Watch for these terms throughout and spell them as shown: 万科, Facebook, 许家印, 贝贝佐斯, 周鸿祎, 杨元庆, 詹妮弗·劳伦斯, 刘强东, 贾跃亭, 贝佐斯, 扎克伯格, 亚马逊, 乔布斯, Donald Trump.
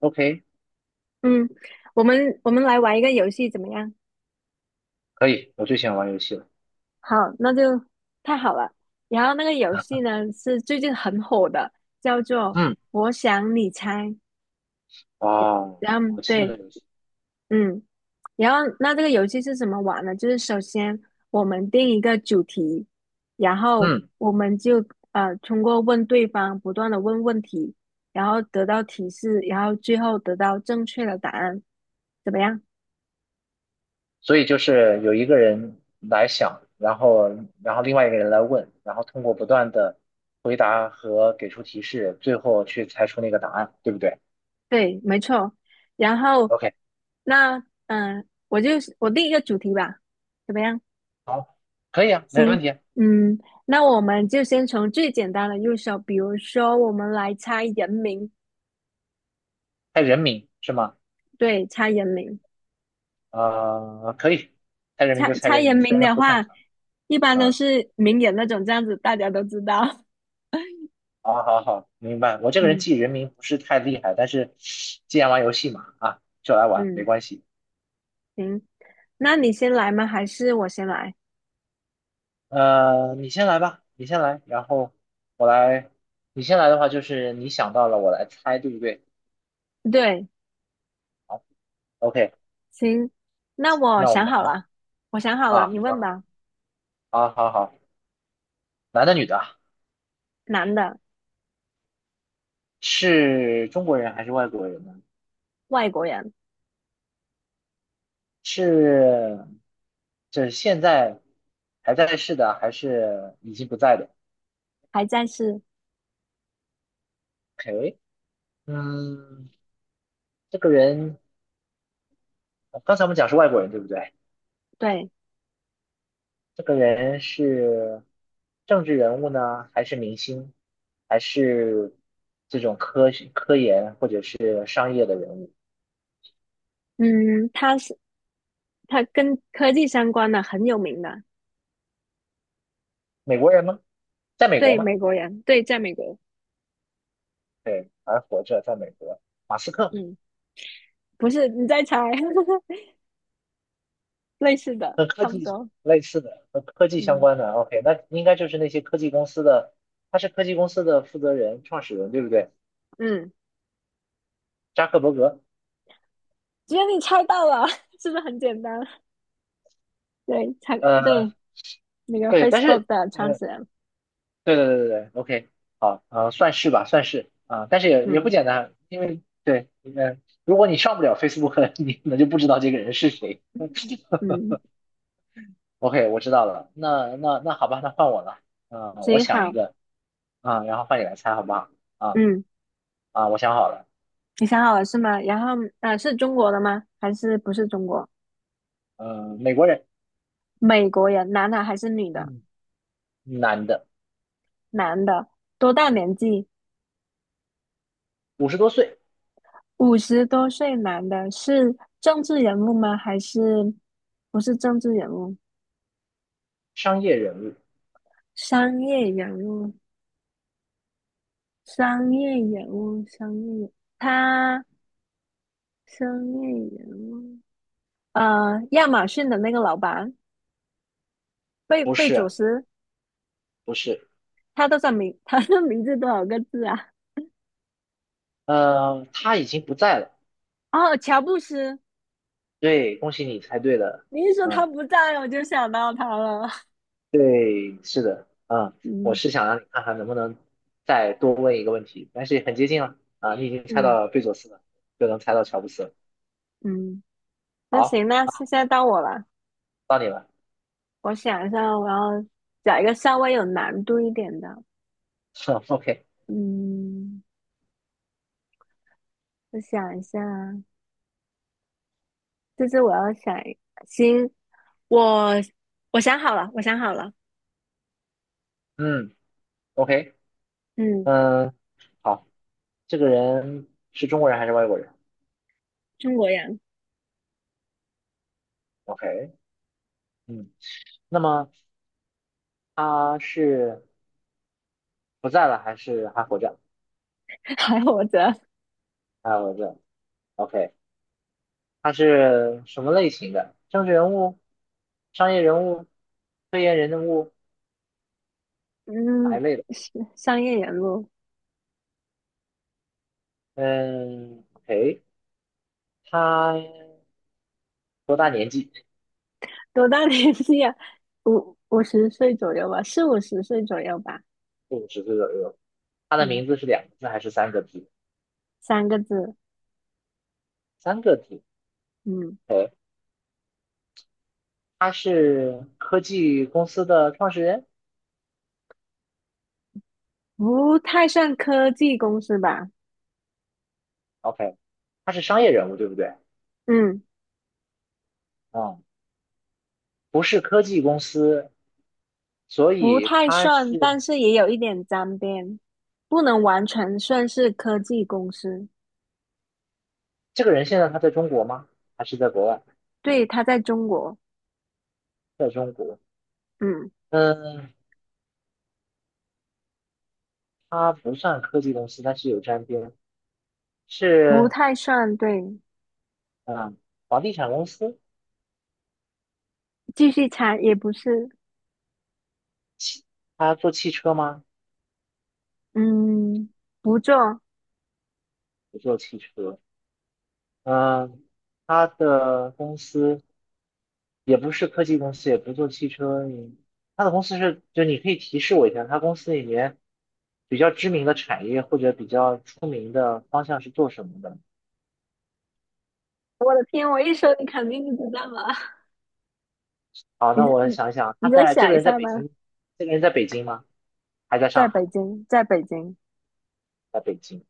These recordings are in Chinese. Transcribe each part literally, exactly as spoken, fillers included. OK，嗯，我们我们来玩一个游戏怎么样？可以，我最喜欢玩游戏了。好，那就太好了。然后那个游戏呢是最近很火的，叫做嗯，“我想你猜"。哦，然后我知道对。这游戏。嗯，然后那这个游戏是怎么玩呢？就是首先我们定一个主题，然后嗯，我们就呃通过问对方不断的问问题，然后得到提示，然后最后得到正确的答案，怎么样？所以就是有一个人来想，然后然后另外一个人来问，然后通过不断的回答和给出提示，最后去猜出那个答案，对不对对，没错。然后？OK，那，嗯、呃我就是我定一个主题吧，怎么样？好，可以啊，没行。问题啊。嗯，那我们就先从最简单的入手，比如说我们来猜人名。猜人名是吗？对，猜人名。啊、可以，猜人名就猜猜猜人人名，虽名然的不擅话，长。一般都啊，是名人那种，这样子大家都知道。好好好，明白。我 这个人嗯记人名不是太厉害，但是既然玩游戏嘛，啊，就来玩，没嗯，关系。行。那你先来吗？还是我先来？呃，你先来吧，你先来，然后我来。你先来的话，就是你想到了，我来猜，对不对？对，好，OK，行，那我那我想们好了，我想好了，啊，你你想问好吧。了好好好，男的女的啊男的，是中国人还是外国人呢？外国人。是，这现在还在世的啊，还是已经不在的还在世。？OK，嗯，这个人，刚才我们讲是外国人，对不对？对。这个人是政治人物呢，还是明星，还是这种科学科研或者是商业的人物？嗯，他是他跟科技相关的很有名的。美国人吗？在美国对，吗？美国人，对，在美国。对，还活着，在美国。马斯克嗯，不是你在猜。类似的，和科差不技多。类似的，和科技相嗯关的。OK，那应该就是那些科技公司的，他是科技公司的负责人、创始人，对不对？嗯，扎克伯格。只有你猜到了。是不是很简单？对，猜呃，对。那个 对，但 Facebook 是的创呃，始人。对对对对对，OK，好，呃，算是吧，算是啊、但是也也不嗯简单，因为对，呃，如果你上不了 Facebook，你可能就不知道这个人是谁。嗯，OK，我知道了，那那那好吧，那换我了，嗯、我行想一好。个，啊、然后换你来猜好不好？啊嗯，啊，我想好了，你想好了是吗？然后呃，是中国的吗？还是不是中国？嗯、美国人，美国人，男的还是女的？嗯，男的，男的。多大年纪？五十多岁，五十多岁男的是政治人物吗？还是不是政治人物？商业人物，商业人物，商业人物，商业他商业人物。呃，亚马逊的那个老板，贝不贝佐是斯，不是，他多少名？他的名字多少个字啊？呃，他已经不在了，哦，乔布斯。对，恭喜你猜对了，你一说他嗯、不在，我就想到他了。对，是的，嗯，我嗯是想让你看看能不能再多问一个问题，但是很接近了啊，你已经猜到嗯了贝佐斯了，就能猜到乔布斯了嗯，那好，行，那现在到我了。到你了。我想一下，我要。找一个稍微有难度一点的。OK，嗯，我想一下啊。这是我要想一，行，我我想好了，我想好了。嗯，OK，嗯，嗯，好，这个人是中国人还是外国人中国人。 ？OK，嗯，那么他是不在了还是还活着？还活着。还活着。OK，他是什么类型的？政治人物、商业人物、科研人物哪一嗯，类的？是商业人物。嗯，OK。他多大年纪？多大年纪啊？五五十岁左右吧，四五十岁左右吧。四五十岁左右。他的嗯，名字是两个字还是三个字？三个字。三个字。嗯，OK，他是科技公司的创始人。不太算科技公司吧。OK，他是商业人物，对不对？嗯，嗯，不是科技公司，所不以太他算，是但是也有一点沾边，不能完全算是科技公司。这个人。现在他在中国吗？还是在国外？对，他在中国。在中国。嗯，嗯，他不算科技公司，但是有沾边。不是太算对。嗯，房地产公司。继续猜也不是。他做汽车吗？嗯，不做。不做汽车。嗯，他的公司也不是科技公司，也不做汽车，你他的公司是，就你可以提示我一下，他公司里面比较知名的产业或者比较出名的方向是做什么的？我的天，我一说你肯定就知道了。好，你那我你想一想，你他再在这想个一人在下北吧。京，这个人在北京吗？还在上在海？北京，在北京。在北京，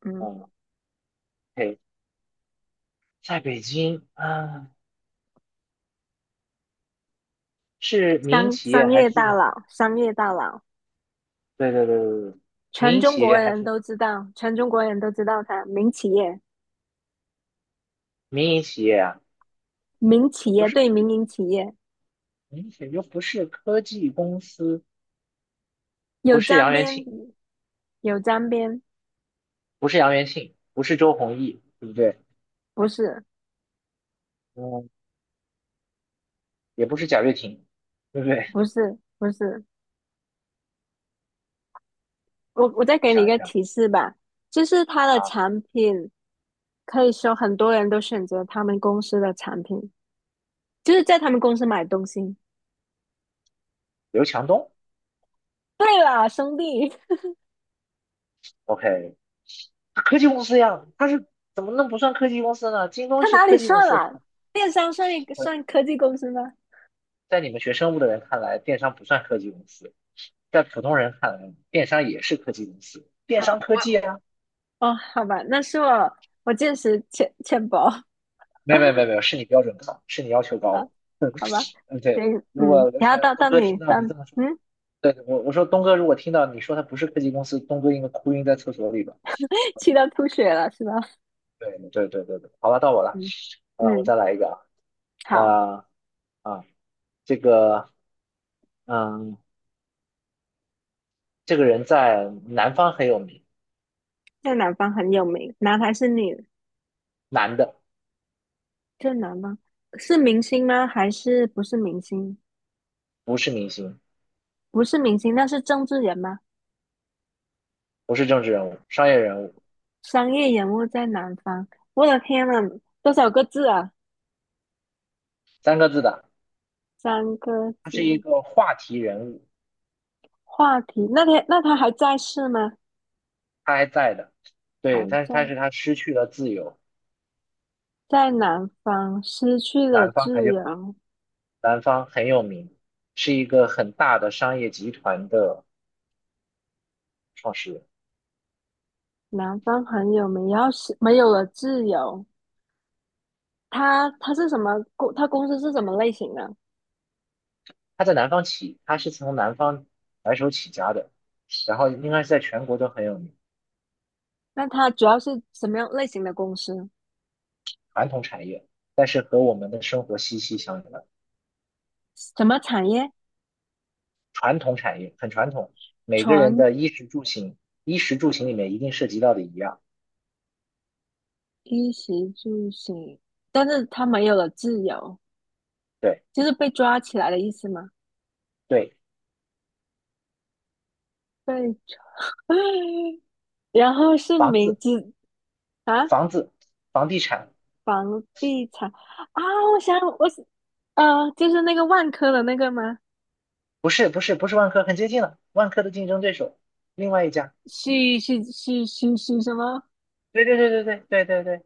嗯，嗯 o 在北京，啊，是民营商企业商还业大是？佬，商业大佬。对对对对对，民全营中企国业还人是都知道，全中国人都知道他。民企业。民营企业啊？民企那不业是对科民营企业。明显就不是科技公司，不有是沾杨元边。庆，有沾边。不是杨元庆，不是周鸿祎，对不对？不是，嗯，也不是贾跃亭，对不对？不 是，不是。我我再我给你一想一个想提示吧，就是他的啊，产品。可以说很多人都选择他们公司的产品，就是在他们公司买东西。刘强东对了，兄弟。，OK，科技公司呀，他是怎么能不算科技公司呢？京东他是哪科里技公算司，了？电商算一呃，算科技公司吗？在你们学生物的人看来，电商不算科技公司，在普通人看来，电商也是科技公司，电啊，商科我技啊，哦，好吧。那是我我见识浅浅薄。没有没有没有没有，是你标准高，是你要求高啊，了，好吧。嗯，对。行。如嗯，果刘然强后到东到哥你听到到你这么说。嗯。对，我我说东哥，如果听到你说他不是科技公司，东哥应该哭晕在厕所里吧？气到吐血了是吧？对对对对对，好了，到我了，嗯啊、我嗯，再来一个啊，好。呃啊，这个嗯，这个人在南方很有名，在南方很有名，男还是女？男的，在南方是明星吗？还是不是明星？不是明星，不是明星，那是政治人吗？不是政治人物，商业人物，商业人物在南方。我的天呐，多少个字啊？三个字的，三个他是一字。个话题人物，话题，那天那他还在世吗？他还在的，对，还但是在。但是他失去了自由，在南方失去了南方很自有名，由。南方很有名，是一个很大的商业集团的创始人。南方很有名，要后是没有了自由。他他是什么公？他公司是什么类型的？他在南方起，他是从南方白手起家的，然后应该是在全国都很有名，那他主要是什么样类型的公司？传统产业，但是和我们的生活息息相关。什么产业？传统产业很传统，每个人全的衣食住行，衣食住行里面一定涉及到的一样，衣食住行。但是他没有了自由，对就是被抓起来的意思吗？对，被 然后是房名子字啊。房子房地产，房地产。啊，我想我是呃，就是那个万科的那个吗？不是不是不是万科，很接近了，万科的竞争对手，另外一家，许许许许许什么？对对对对对对对对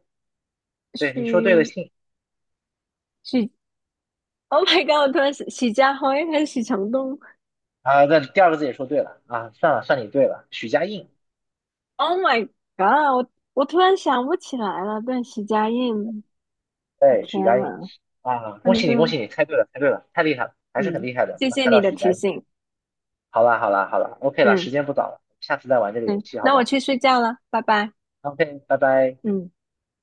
对，你说对了，许姓许？Oh my god！我突然许家辉还是许承东啊，那第二个字也说对了啊，算了算你对了，许家印。？Oh my god！我我突然想不起来了。对，许家印。我对，许天佳颖呐。啊，恭反喜你，恭正喜你，猜对了，猜对了，太厉害了，还是很嗯，厉害的，谢能谢猜你到的许提佳颖。醒。好啦，好啦，好啦，OK 了，嗯，时间不早了，下次再玩这个游对，戏好那不我好去睡觉了，拜拜。？OK，拜拜。嗯。